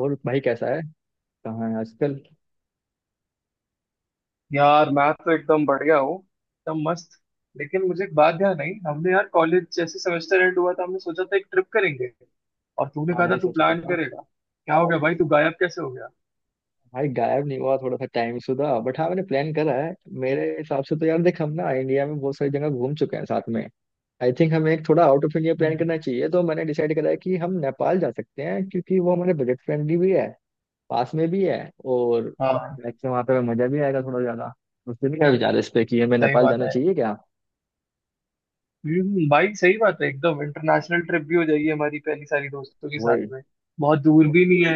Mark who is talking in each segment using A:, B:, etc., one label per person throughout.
A: और भाई कैसा है। कहाँ है आजकल।
B: यार मैं तो एकदम बढ़िया हूँ, एकदम मस्त। लेकिन मुझे एक बात ध्यान आई, हमने यार कॉलेज जैसे सेमेस्टर एंड हुआ था हमने सोचा था एक ट्रिप करेंगे। और तूने
A: हाँ
B: कहा था
A: भाई,
B: तू
A: सोचा तो
B: प्लान
A: था।
B: करेगा, क्या हो गया भाई, तू गायब कैसे हो गया?
A: भाई गायब नहीं हुआ, थोड़ा सा टाइम सुधा, बट हाँ, मैंने प्लान करा है। मेरे हिसाब से तो यार देख, हम ना इंडिया में बहुत सारी जगह घूम चुके हैं साथ में। आई थिंक हमें एक थोड़ा आउट ऑफ इंडिया प्लान
B: हम्म।
A: करना चाहिए। तो मैंने डिसाइड करा है कि हम नेपाल जा सकते हैं, क्योंकि वो हमारे बजट फ्रेंडली भी है। पास में भी है। और
B: हाँ।
A: वैसे वहाँ पे हमें मजा भी आएगा थोड़ा ज्यादा। उसके भी क्या विचार है इस पे कि हमें
B: सही
A: नेपाल
B: बात
A: जाना
B: है।
A: चाहिए क्या।
B: भाई सही बात है, एकदम इंटरनेशनल ट्रिप भी हो जाएगी हमारी पहली, सारी दोस्तों के साथ
A: वही।
B: में। बहुत दूर भी
A: वही।
B: नहीं है।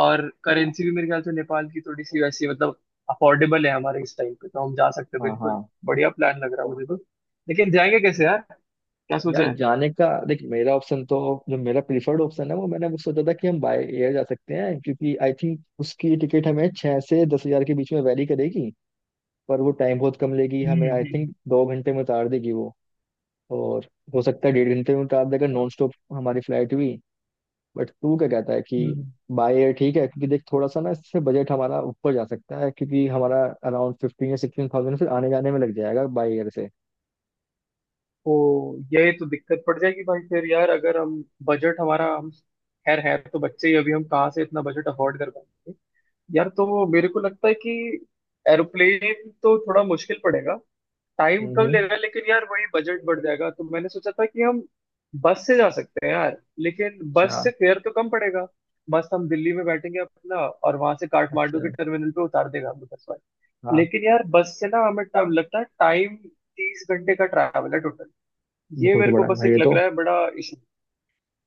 B: और
A: हाँ,
B: करेंसी भी मेरे ख्याल से नेपाल की थोड़ी सी वैसी, मतलब अफोर्डेबल है हमारे इस टाइम पे, तो हम जा सकते हैं
A: हाँ। हाँ,
B: बिल्कुल। बढ़िया प्लान लग रहा है मुझे तो। लेकिन जाएंगे कैसे यार? क्या
A: यार
B: सोचा है?
A: जाने का देख, मेरा ऑप्शन तो, जो मेरा प्रीफर्ड ऑप्शन है, वो मैंने वो सोचा था कि हम बाय एयर जा सकते हैं, क्योंकि आई थिंक उसकी टिकट हमें 6 से 10 हज़ार के बीच में वैरी करेगी। पर वो टाइम बहुत कम लेगी
B: हम्म,
A: हमें, आई थिंक 2 घंटे में उतार देगी वो। और हो सकता है 1.5 घंटे में उतार देगा, नॉन स्टॉप हमारी फ्लाइट भी। बट तू क्या कहता है कि
B: हम्म।
A: बाय एयर ठीक है, क्योंकि देख थोड़ा सा ना इससे बजट हमारा ऊपर जा सकता है, क्योंकि हमारा अराउंड 15 या 16 thousand फिर आने जाने में लग जाएगा बाय एयर से।
B: तो ये तो दिक्कत पड़ जाएगी भाई। फिर यार अगर हम, बजट हमारा, हम खैर है तो बच्चे ही अभी, हम कहाँ से इतना बजट अफोर्ड कर पाएंगे। यार तो मेरे को लगता है कि एरोप्लेन तो थोड़ा मुश्किल पड़ेगा। टाइम कम
A: हम्म।
B: लेगा लेकिन यार वही बजट बढ़ जाएगा, तो मैंने सोचा था कि हम बस से जा सकते हैं यार। लेकिन बस
A: अच्छा।
B: से फेयर तो कम पड़ेगा। बस हम दिल्ली में बैठेंगे अपना और वहां से काठमांडू
A: अच्छा।
B: के टर्मिनल पे उतार देगा हमें बस।
A: हाँ।
B: लेकिन यार बस से ना हमें टाइम लगता है टाइम। 30 घंटे का ट्रैवल है टोटल। ये
A: बहुत
B: मेरे को
A: बड़ा है
B: बस
A: भाई
B: एक
A: ये
B: लग
A: तो।
B: रहा है बड़ा इशू।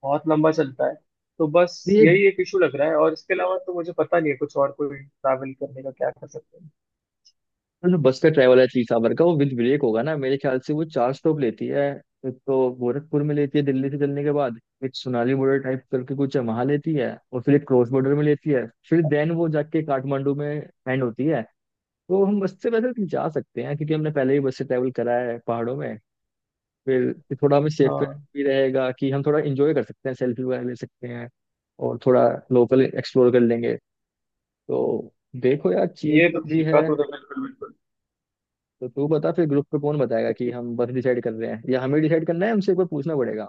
B: बहुत लंबा चलता है। तो बस,
A: ये
B: यही एक इशू लग रहा है। और इसके अलावा तो मुझे पता नहीं है कुछ और, कोई ट्रैवल करने का क्या कर सकते हैं।
A: जो बस का ट्रैवल है तीसावर का, वो विद ब्रेक होगा ना मेरे ख्याल से, वो 4 स्टॉप लेती है। एक तो गोरखपुर में लेती है दिल्ली से चलने के बाद। एक सोनाली बॉर्डर टाइप करके कुछ है, वहां लेती है। और फिर एक क्रॉस बॉर्डर में लेती है। फिर देन वो जाके काठमांडू में एंड होती है। तो हम बस से वैसे जा सकते हैं, क्योंकि हमने पहले ही बस से ट्रैवल करा है पहाड़ों में। फिर थोड़ा हमें सेफ
B: हाँ
A: भी रहेगा कि हम थोड़ा इंजॉय कर सकते हैं, सेल्फी वगैरह ले सकते हैं। और थोड़ा लोकल एक्सप्लोर कर लेंगे। तो देखो यार,
B: ये
A: चीप
B: तो
A: भी
B: ठीक
A: है।
B: है तो, बिल्कुल बिल्कुल।
A: तो तू बता फिर, ग्रुप पे कौन बताएगा कि हम बस डिसाइड कर रहे हैं या हमें डिसाइड करना है, हमसे एक बार पूछना पड़ेगा।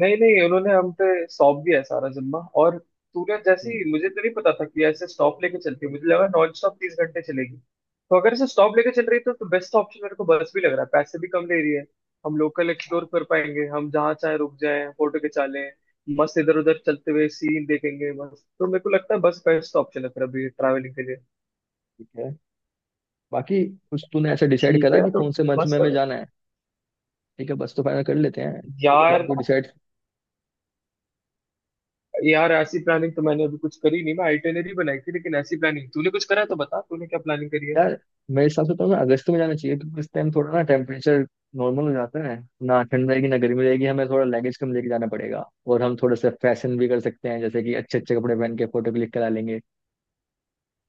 B: नहीं नहीं, उन्होंने हम पे सौंप दिया है सारा जिम्मा। और तूने
A: हम्म।
B: जैसी, मुझे तो नहीं पता था कि ऐसे स्टॉप लेके चलती है, मुझे लगा नॉन स्टॉप 30 घंटे चलेगी। तो अगर इसे स्टॉप लेके चल रही है तो बेस्ट ऑप्शन मेरे को बस भी लग रहा है, पैसे भी कम ले रही है। हम लोकल एक्सप्लोर
A: हाँ।
B: कर पाएंगे, हम जहाँ चाहे रुक जाएं, फोटो खिंचा लें, मस्त इधर उधर चलते हुए सीन देखेंगे। बस तो मेरे को लगता है बस बेस्ट ऑप्शन है फिर अभी ट्रैवलिंग के लिए।
A: ठीक है। बाकी कुछ तूने ऐसा डिसाइड
B: ठीक
A: करा
B: है।
A: कि
B: तो
A: कौन से मंथ
B: बस
A: में हमें जाना है। ठीक है बस, तो फाइनल कर लेते हैं। तूने
B: यार,
A: तो डिसाइड।
B: यार ऐसी प्लानिंग तो मैंने अभी कुछ करी नहीं, मैं आइटनरी बनाई थी, लेकिन ऐसी प्लानिंग तूने कुछ करा है तो बता तूने क्या प्लानिंग करी है।
A: यार मेरे हिसाब से तो हमें अगस्त में जाना चाहिए, क्योंकि इस टाइम थोड़ा ना टेम्परेचर नॉर्मल हो जाता है। ना ठंड रहेगी ना गर्मी रहेगी, हमें थोड़ा लगेज कम लेके जाना पड़ेगा, और हम थोड़ा सा फैशन भी कर सकते हैं, जैसे कि अच्छे अच्छे कपड़े पहन के फोटो क्लिक करा लेंगे।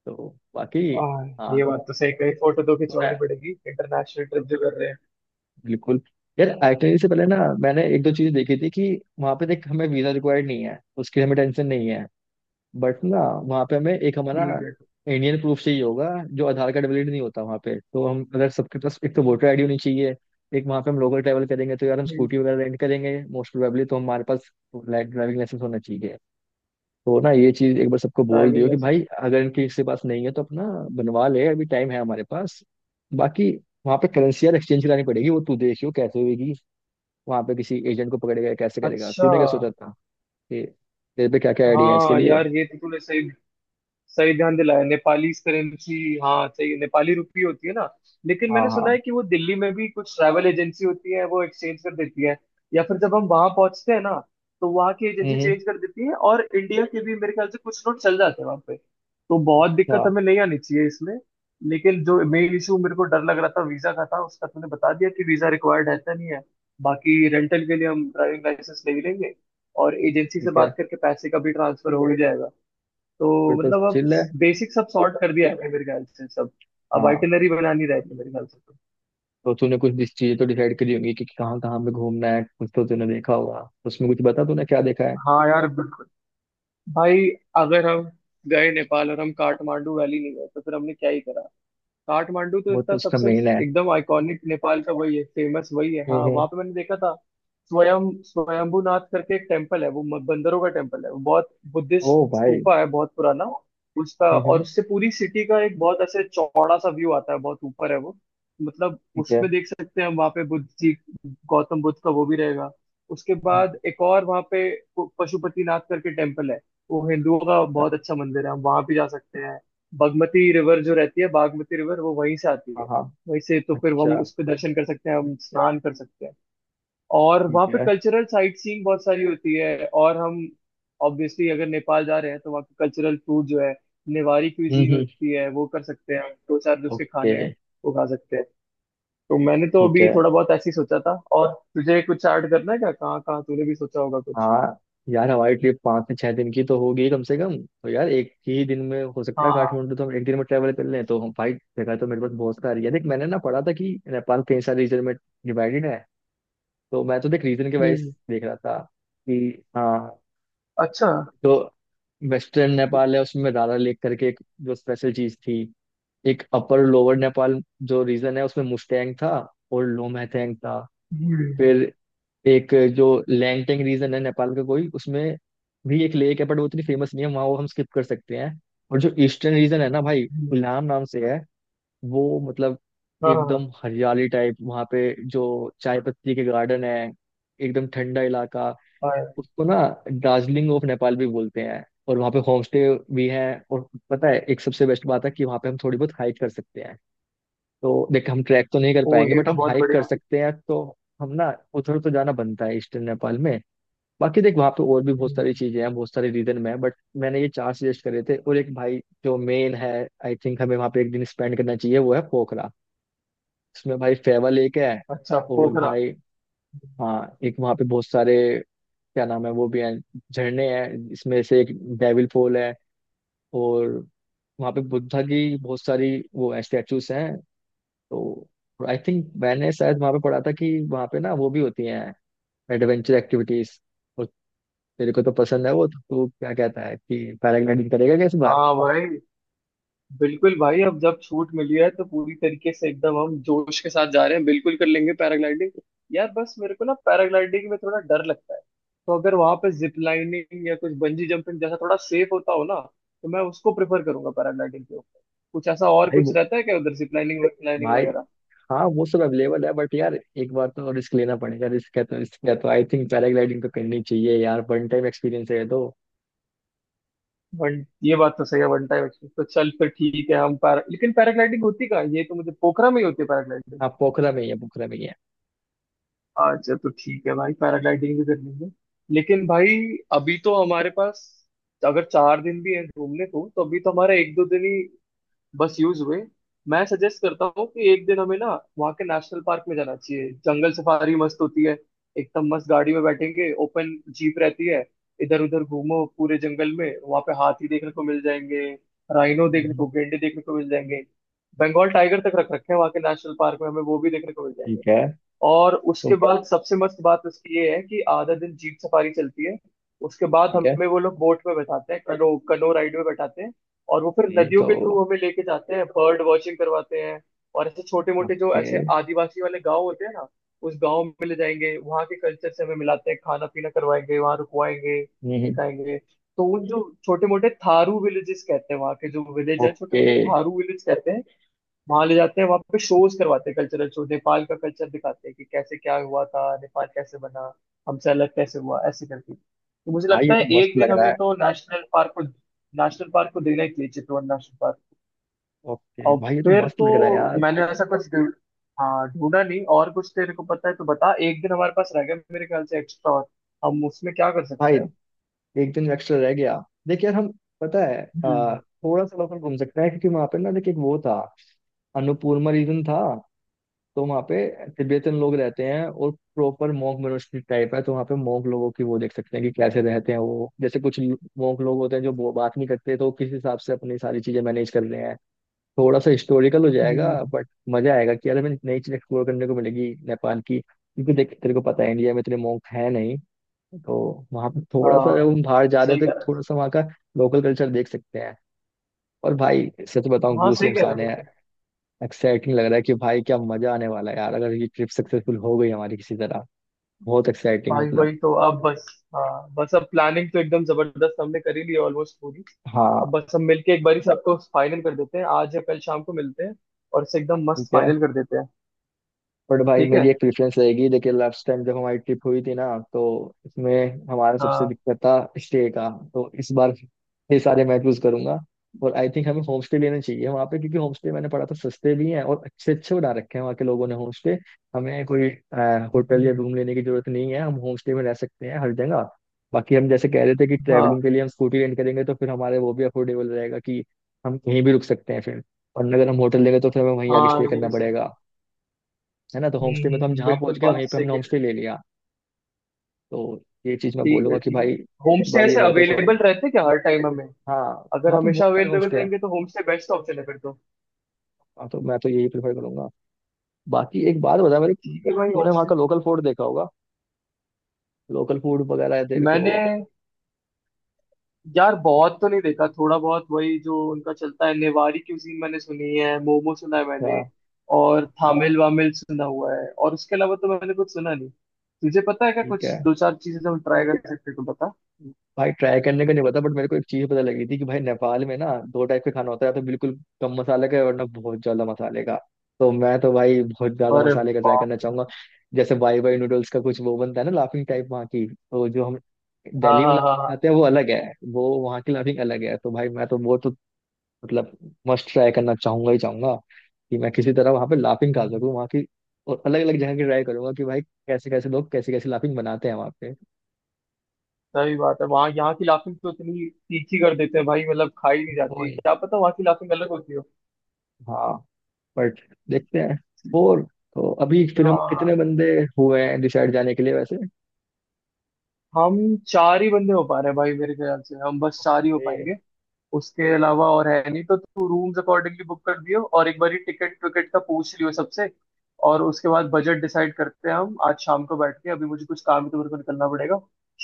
A: तो बाकी,
B: आ,
A: हाँ,
B: ये बात तो सही कही, फोटो तो
A: तूने
B: खिंचवानी पड़ेगी, इंटरनेशनल ट्रिप जो कर रहे हैं।
A: बिल्कुल। यार आइटनरी से पहले ना मैंने एक दो
B: हम्म।
A: चीज देखी थी कि वहां पे देख हमें वीजा रिक्वायर्ड नहीं है, उसकी हमें टेंशन नहीं है। बट ना वहां पे हमें एक हमारा
B: ठीक है।
A: इंडियन प्रूफ चाहिए होगा। जो आधार कार्ड वैलिड नहीं होता वहां पे, तो हम अगर सबके पास एक तो वोटर आईडी होनी चाहिए। एक वहां पे हम लोकल ट्रैवल करेंगे, तो यार हम स्कूटी वगैरह रेंट करेंगे मोस्ट प्रोबेबली, तो हमारे पास ड्राइविंग लाइसेंस होना चाहिए। तो ना ये चीज एक बार सबको बोल
B: ड्राइविंग
A: दियो कि भाई
B: लाइसेंस।
A: अगर इनके किसी के पास नहीं है तो अपना बनवा ले, अभी टाइम है हमारे पास। बाकी वहां पे करेंसी यार एक्सचेंज करानी पड़ेगी, वो तू देखियो कैसे होगी। वहां पे किसी एजेंट को पकड़ेगा या कैसे करेगा,
B: अच्छा।
A: तूने क्या सोचा था कि तेरे पे क्या क्या आइडिया है इसके
B: हाँ
A: लिए।
B: यार ये तो तूने सही, सही ध्यान दिलाया, नेपाली करेंसी। हाँ सही, नेपाली रुपी होती है ना। लेकिन
A: हाँ
B: मैंने
A: हाँ।
B: सुना है कि वो दिल्ली में भी कुछ ट्रैवल एजेंसी होती है, वो एक्सचेंज कर देती है। या फिर जब हम वहां पहुंचते हैं ना, तो वहां की एजेंसी
A: हम्म।
B: चेंज कर देती है। और इंडिया के भी मेरे ख्याल से कुछ नोट चल जाते हैं वहां पे। तो बहुत
A: अच्छा।
B: दिक्कत हमें नहीं आनी चाहिए इसमें। लेकिन जो मेन इशू मेरे को डर लग रहा था वीजा का था, उसका तुमने बता दिया कि वीजा रिक्वायर्ड है तो नहीं है। बाकी रेंटल के लिए हम ड्राइविंग लाइसेंस ले ही लेंगे। और एजेंसी से
A: ठीक है,
B: बात करके पैसे का भी ट्रांसफर हो ही जाएगा। तो
A: फिर तो
B: मतलब अब
A: चिल है।
B: बेसिक सब सॉर्ट कर दिया है मेरे ख्याल से सब। अब
A: हाँ,
B: आइटिनरी बनानी रहती है मेरे ख्याल से तो।
A: तो तूने कुछ चीजें तो डिसाइड करी होंगी कि कहाँ कहाँ पे घूमना है, कुछ तो तूने देखा होगा उसमें, कुछ बता तूने क्या देखा है।
B: हाँ यार बिल्कुल। भाई अगर हम गए नेपाल और हम काठमांडू वैली नहीं गए, तो फिर हमने क्या ही करा। काठमांडू तो
A: वो तो
B: इतना
A: उसका
B: सबसे
A: मेन है।
B: एकदम आइकॉनिक, नेपाल का वही है फेमस, वही है। हाँ
A: हम्म।
B: वहां पे मैंने देखा था स्वयंभूनाथ करके एक टेम्पल है। वो बंदरों का टेम्पल है, वो बहुत बुद्धिस्ट
A: ओ भाई।
B: स्तूपा है, बहुत पुराना उसका। और
A: हम्म।
B: उससे पूरी सिटी का एक बहुत ऐसे चौड़ा सा व्यू आता है, बहुत ऊपर है वो, मतलब
A: ठीक है।
B: उसमें देख सकते हैं हम। वहाँ पे बुद्ध जी, गौतम बुद्ध का वो भी रहेगा। उसके
A: हम्म।
B: बाद एक और वहाँ पे पशुपतिनाथ करके टेम्पल है। वो हिंदुओं का
A: अच्छा।
B: बहुत अच्छा मंदिर है, हम वहाँ भी जा सकते हैं। बागमती रिवर जो रहती है, बागमती रिवर वो वहीं से आती
A: हाँ
B: है
A: हाँ।
B: वहीं से। तो फिर हम
A: अच्छा।
B: उस पर दर्शन कर सकते हैं, हम स्नान कर सकते हैं। और
A: ठीक
B: वहाँ पे
A: है।
B: कल्चरल साइट सीइंग बहुत सारी होती है। और हम ऑब्वियसली अगर नेपाल जा रहे हैं तो वहाँ के कल्चरल फूड जो है, नेवारी क्यूजीन
A: हम्म।
B: होती है, वो कर सकते हैं हम। दो चार जो उसके
A: ओके।
B: खाने हैं वो खा सकते हैं। तो मैंने तो
A: ठीक
B: अभी
A: है।
B: थोड़ा बहुत ऐसे ही सोचा था, और तुझे कुछ ऐड करना है क्या, कहाँ कहाँ तूने भी सोचा होगा कुछ?
A: हाँ यार, हमारी ट्रिप 5 से 6 दिन की तो होगी कम से कम। तो यार एक ही दिन में हो सकता है
B: हाँ।
A: काठमांडू तो हम एक दिन में ट्रैवल कर लें। तो हम भाई, जगह तो मेरे पास बहुत सारी है। देख मैंने ना पढ़ा था कि नेपाल कई सारे रीजन में डिवाइडेड है। तो मैं तो देख रीजन के वाइज
B: हम्म।
A: देख रहा था कि हाँ,
B: अच्छा।
A: तो वेस्टर्न नेपाल है, उसमें रारा लेक करके एक जो स्पेशल चीज थी। एक अपर लोअर नेपाल जो रीजन है, उसमें मुस्टैंग था और लोमहथेंग था।
B: हम्म,
A: फिर एक जो लैंगटेंग रीजन है नेपाल का, कोई उसमें भी एक लेक है, बट वो इतनी फेमस नहीं है वहाँ, वो हम स्किप कर सकते हैं। और जो ईस्टर्न रीजन है ना भाई,
B: हम्म।
A: इलाम नाम से है। वो मतलब
B: हाँ
A: एकदम हरियाली टाइप वहाँ पे, जो चाय पत्ती के गार्डन है, एकदम ठंडा इलाका।
B: हाँ हाँ।
A: उसको ना दार्जिलिंग ऑफ नेपाल भी बोलते हैं। और वहाँ पे होम स्टे भी है। और पता है एक सबसे बेस्ट बात है कि वहाँ पे हम थोड़ी बहुत हाइक कर सकते हैं। तो देख हम ट्रैक तो नहीं कर
B: ओ,
A: पाएंगे,
B: ये
A: बट
B: तो
A: हम
B: बहुत
A: हाइक कर
B: बढ़िया।
A: सकते हैं। तो हम ना उधर तो जाना बनता है ईस्टर्न नेपाल में। बाकी देख वहाँ पे और भी बहुत सारी
B: हम्म।
A: चीजें हैं बहुत सारे रीजन में, बट मैंने ये चार सजेस्ट करे थे। और एक भाई जो मेन है, आई थिंक हमें वहाँ पे एक दिन स्पेंड करना चाहिए, वो है पोखरा। उसमें भाई फेवा लेक है।
B: अच्छा
A: और
B: पोखरा।
A: भाई हाँ, एक वहाँ पे बहुत सारे क्या नाम है वो भी हैं, झरने हैं। इसमें से एक डेविल फॉल है। और वहाँ पे बुद्धा की बहुत सारी वो स्टैचूज हैं। तो आई थिंक मैंने शायद वहाँ पे पढ़ा था कि वहाँ पे ना वो भी होती हैं एडवेंचर एक्टिविटीज। और तेरे को तो पसंद है वो, तो तू क्या कहता है कि पैराग्लाइडिंग करेगा क्या इस बार।
B: हाँ भाई बिल्कुल भाई, अब जब छूट मिली है तो पूरी तरीके से एकदम, हम जोश के साथ जा रहे हैं, बिल्कुल कर लेंगे पैराग्लाइडिंग। यार बस मेरे को ना पैराग्लाइडिंग में थोड़ा डर लगता है। तो अगर वहां पे जिप लाइनिंग या कुछ बंजी जंपिंग जैसा थोड़ा सेफ होता हो ना, तो मैं उसको प्रेफर करूंगा पैराग्लाइडिंग के ऊपर। कुछ ऐसा और
A: भाई
B: कुछ
A: वो,
B: रहता है क्या उधर, जिप लाइनिंग लाइनिंग
A: भाई
B: वगैरह?
A: हाँ वो सब अवेलेबल है, बट यार एक बार तो रिस्क लेना पड़ेगा। रिस्क है तो रिस्क है, तो आई थिंक पैराग्लाइडिंग तो करनी चाहिए यार, वन टाइम एक्सपीरियंस है ये तो।
B: वन ये बात तो सही है, वन टाइम एक्सपीरियंस। तो चल फिर ठीक है, हम पैरा लेकिन पैराग्लाइडिंग होती कहाँ है? ये तो मुझे पोखरा में ही होती है पैराग्लाइडिंग।
A: आप पोखरा में ही है, पोखरा में ही है।
B: अच्छा तो ठीक है भाई, पैराग्लाइडिंग भी कर लेंगे। लेकिन भाई अभी तो हमारे पास अगर 4 दिन भी हैं घूमने को, तो अभी तो हमारा एक दो दिन ही बस यूज हुए। मैं सजेस्ट करता हूँ कि एक दिन हमें ना वहाँ के नेशनल पार्क में जाना चाहिए, जंगल सफारी मस्त होती है, एकदम मस्त। गाड़ी में बैठेंगे ओपन, जीप रहती है, इधर उधर घूमो पूरे जंगल में। वहाँ पे हाथी देखने को मिल जाएंगे, राइनो देखने
A: हम्म।
B: को, गेंडे देखने को मिल जाएंगे। बंगाल टाइगर तक रख रखे हैं वहाँ के नेशनल पार्क में, हमें वो भी देखने को मिल जाएंगे।
A: ठीक है
B: और उसके
A: तो।
B: बाद सबसे मस्त बात उसकी ये है कि आधा दिन जीप सफारी चलती है, उसके बाद
A: ठीक है
B: हमें वो लोग बोट में बैठाते हैं, कनो कनो राइड में बैठाते हैं। और वो फिर
A: ये
B: नदियों
A: तो।
B: के थ्रू हमें लेके जाते हैं, बर्ड वॉचिंग करवाते हैं। और ऐसे छोटे मोटे जो
A: ओके।
B: ऐसे आदिवासी वाले गांव होते हैं ना, उस गांव में ले जाएंगे, वहाँ के कल्चर से हमें मिलाते हैं, खाना पीना करवाएंगे, वहाँ रुकवाएंगे,
A: हम्म।
B: सिखाएंगे। तो उन, जो छोटे मोटे थारू विलेजेस कहते हैं, वहाँ के जो विलेज है छोटे
A: ओके
B: मोटे थारू विलेज कहते हैं, वहां ले जाते हैं, वहां पे शोज करवाते हैं, कल्चरल शो, नेपाल का कल्चर दिखाते हैं कि कैसे क्या हुआ था, नेपाल कैसे बना, हमसे अलग कैसे हुआ, ऐसे करके। तो मुझे
A: भाई ये
B: लगता है
A: तो मस्त
B: एक दिन
A: लग रहा
B: हमें
A: है।
B: तो नेशनल पार्क को देना ही चाहिए, चितवन नेशनल पार्क।
A: ओके
B: और
A: भाई ये तो
B: फिर
A: मस्त
B: तो
A: लग रहा है यार।
B: मैंने ऐसा कुछ हाँ ढूंढा नहीं, और कुछ तेरे को पता है तो बता। एक दिन हमारे पास रह गया मेरे ख्याल से एक्स्ट्रा, और हम उसमें क्या कर
A: भाई
B: सकते हैं?
A: एक दिन एक्स्ट्रा रह गया, देखिए यार हम, पता है
B: हम्म,
A: थोड़ा सा लोकल घूम सकते हैं, क्योंकि वहां पे ना देखिए, एक वो था अन्नपूर्णा रीजन था। तो वहाँ पे तिब्बतन लोग रहते हैं और प्रॉपर मोंक मोनास्ट्री टाइप है। तो वहाँ पे मोंक लोगों की वो देख सकते हैं कि कैसे रहते हैं वो। जैसे कुछ मोंक लोग होते हैं जो बात नहीं करते, तो वो किस हिसाब से अपनी सारी चीजें मैनेज कर रहे हैं। थोड़ा सा हिस्टोरिकल हो जाएगा,
B: हम्म।
A: बट मजा आएगा कि यार हमें नई चीज एक्सप्लोर करने को मिलेगी नेपाल की, क्योंकि देख तेरे को पता है इंडिया में इतने मोंक है नहीं। तो वहाँ पे थोड़ा सा, जब
B: हाँ
A: हम बाहर जा रहे
B: सही
A: हैं
B: कह
A: तो
B: रहा
A: थोड़ा
B: है।
A: सा वहाँ का लोकल कल्चर देख सकते हैं। और भाई सच बताऊं,
B: हाँ
A: गूस
B: सही
A: बम्स
B: कह
A: आ
B: रहा
A: रहे
B: है।
A: हैं। एक्साइटिंग लग रहा है कि भाई क्या मजा आने वाला है यार, अगर ये ट्रिप सक्सेसफुल हो गई हमारी किसी तरह। बहुत एक्साइटिंग
B: भाई
A: मतलब।
B: वही तो, अब बस। हाँ बस, अब प्लानिंग तो एकदम जबरदस्त हमने करी ली ऑलमोस्ट पूरी। अब
A: हाँ।
B: बस हम मिलके एक बार ही सबको फाइनल कर देते हैं, आज या कल शाम को मिलते हैं और इसे एकदम मस्त
A: ठीक है
B: फाइनल कर देते हैं।
A: बट भाई
B: ठीक है।
A: मेरी एक प्रेफरेंस रहेगी। देखिए लास्ट टाइम जब हमारी ट्रिप हुई थी ना, तो इसमें हमारा सबसे
B: हाँ।
A: दिक्कत था स्टे का। तो इस बार ये सारे मैं चूज करूंगा। और आई थिंक हमें होम स्टे लेना चाहिए वहाँ पे, क्योंकि होम स्टे मैंने पढ़ा था सस्ते भी हैं, और अच्छे अच्छे बना रखे हैं वहाँ के लोगों ने होम स्टे। हमें कोई होटल या रूम लेने की जरूरत नहीं है, हम होम स्टे में रह सकते हैं हर जगह। बाकी हम जैसे कह रहे थे कि ट्रैवलिंग के
B: हाँ।
A: लिए हम स्कूटी रेंट करेंगे, तो फिर हमारे वो भी अफोर्डेबल रहेगा कि हम कहीं भी रुक सकते हैं फिर। और अगर हम होटल लेंगे तो फिर हमें वहीं आगे
B: हाँ,
A: स्टे
B: ये
A: करना
B: भी सही है।
A: पड़ेगा, है ना। तो
B: हम्म,
A: होम स्टे में तो हम जहाँ पहुंच
B: बिल्कुल
A: गए
B: बात
A: वहीं
B: तो
A: पे
B: सही
A: हमने
B: कह
A: होम
B: रहे
A: स्टे
B: हैं।
A: ले लिया। तो ये चीज मैं
B: ठीक है,
A: बोलूंगा कि
B: ठीक है।
A: भाई
B: होम
A: इस
B: स्टे
A: बार ये
B: ऐसे
A: मेरे पे छोड़ना।
B: अवेलेबल रहते हैं क्या हर टाइम हमें?
A: हाँ,
B: अगर
A: वहाँ पे बहुत
B: हमेशा
A: सारे होम
B: अवेलेबल
A: स्टे हैं।
B: रहेंगे तो होम स्टे बेस्ट ऑप्शन है फिर तो।
A: हाँ, तो मैं तो यही प्रेफर करूंगा। बाकी एक बात बता मेरे
B: ठीक
A: को,
B: है भाई, होम
A: तूने वहाँ
B: स्टे।
A: का लोकल फूड देखा होगा। लोकल फूड वगैरह है तेरे को।
B: मैंने, यार बहुत तो नहीं देखा, थोड़ा बहुत वही जो उनका चलता है, नेवारी क्यूजीन मैंने सुनी है, मोमो सुना है
A: अच्छा।
B: मैंने। और
A: हाँ।
B: थामिल वामिल सुना हुआ है, और उसके अलावा तो मैंने कुछ सुना नहीं। तुझे पता है क्या
A: ठीक
B: कुछ
A: है।
B: दो चार चीजें जो हम ट्राई कर सकते हैं, तो बता।
A: भाई ट्राई करने का नहीं पता, बट मेरे को एक चीज पता लगी थी कि भाई नेपाल में ना दो टाइप के खाना होता है, या तो बिल्कुल कम मसाले का, वरना बहुत ज्यादा मसाले का। तो मैं तो भाई बहुत ज्यादा
B: अरे
A: मसाले का ट्राई
B: बाप
A: करना
B: रे।
A: चाहूंगा। जैसे बाई बाई नूडल्स का कुछ वो बनता है ना, लाफिंग टाइप वहाँ की। तो जो हम
B: हाँ
A: दिल्ली में
B: हाँ हाँ
A: लाफिंग
B: हाँ।
A: खाते हैं वो अलग है, वो वहाँ की लाफिंग अलग है। तो भाई मैं तो वो तो मतलब मस्ट ट्राई करना चाहूंगा ही चाहूंगा, कि मैं किसी तरह वहाँ पे लाफिंग खा
B: हम्म।
A: सकूँ वहाँ की। और अलग अलग जगह की ट्राई करूंगा कि भाई कैसे कैसे लोग कैसे कैसे लाफिंग बनाते हैं वहाँ पे।
B: सही बात है, वहाँ, यहाँ की लाफिंग तो इतनी तीखी कर देते हैं भाई, मतलब खाई नहीं जाती,
A: ओए।
B: क्या पता वहाँ की लाफिंग अलग होती हो।
A: हाँ। बट देखते हैं। फोर, तो अभी फिर हम कितने
B: हाँ।
A: बंदे हुए हैं डिसाइड जाने के लिए वैसे।
B: हम चार ही बंदे हो पा रहे हैं भाई, मेरे ख्याल से हम बस चार ही हो
A: ये,
B: पाएंगे। उसके अलावा और है नहीं, तो तू रूम्स अकॉर्डिंगली बुक कर दियो, और एक बार टिकट विकेट का पूछ लियो सबसे। और उसके बाद बजट डिसाइड करते हैं हम आज शाम को बैठ के। अभी मुझे कुछ काम है तो मेरे को निकलना पड़ेगा।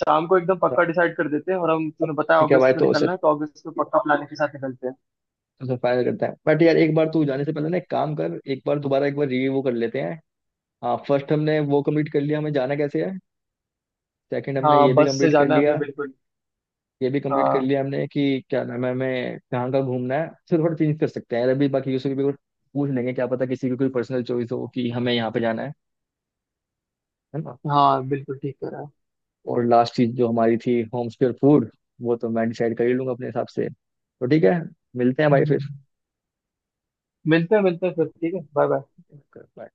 B: शाम को एकदम
A: अच्छा।
B: पक्का डिसाइड कर देते हैं, और हम तूने बताया
A: ठीक है भाई,
B: अगस्त में
A: तो उसे,
B: निकलना है तो अगस्त में पक्का प्लानिंग के साथ निकलते हैं।
A: उसे फाइनल करते हैं। बट यार एक बार तू जाने से पहले ना, एक काम कर, एक बार दोबारा एक बार रिव्यू कर लेते हैं। हाँ, फर्स्ट हमने वो कंप्लीट कर लिया, हमें जाना कैसे है। सेकंड हमने ये
B: हाँ
A: भी
B: बस से
A: कंप्लीट कर
B: जाना है हमें
A: लिया।
B: बिल्कुल।
A: ये भी कंप्लीट कर
B: हाँ
A: लिया हमने कि क्या नाम है हमें कहाँ का घूमना है, सिर्फ थोड़ा चेंज कर सकते हैं यार अभी। बाकी यूसुफ भी कुछ पूछ लेंगे, क्या पता किसी की कोई पर्सनल चॉइस हो कि हमें यहाँ पे जाना है ना।
B: हाँ, बिल्कुल ठीक कह रहा है।
A: और लास्ट चीज जो हमारी थी, होम स्क्योर फूड, वो तो मैं डिसाइड कर ही लूंगा अपने हिसाब से। तो ठीक है, मिलते हैं भाई
B: हम्म, मिलते हैं फिर, ठीक है, बाय बाय।
A: फिर।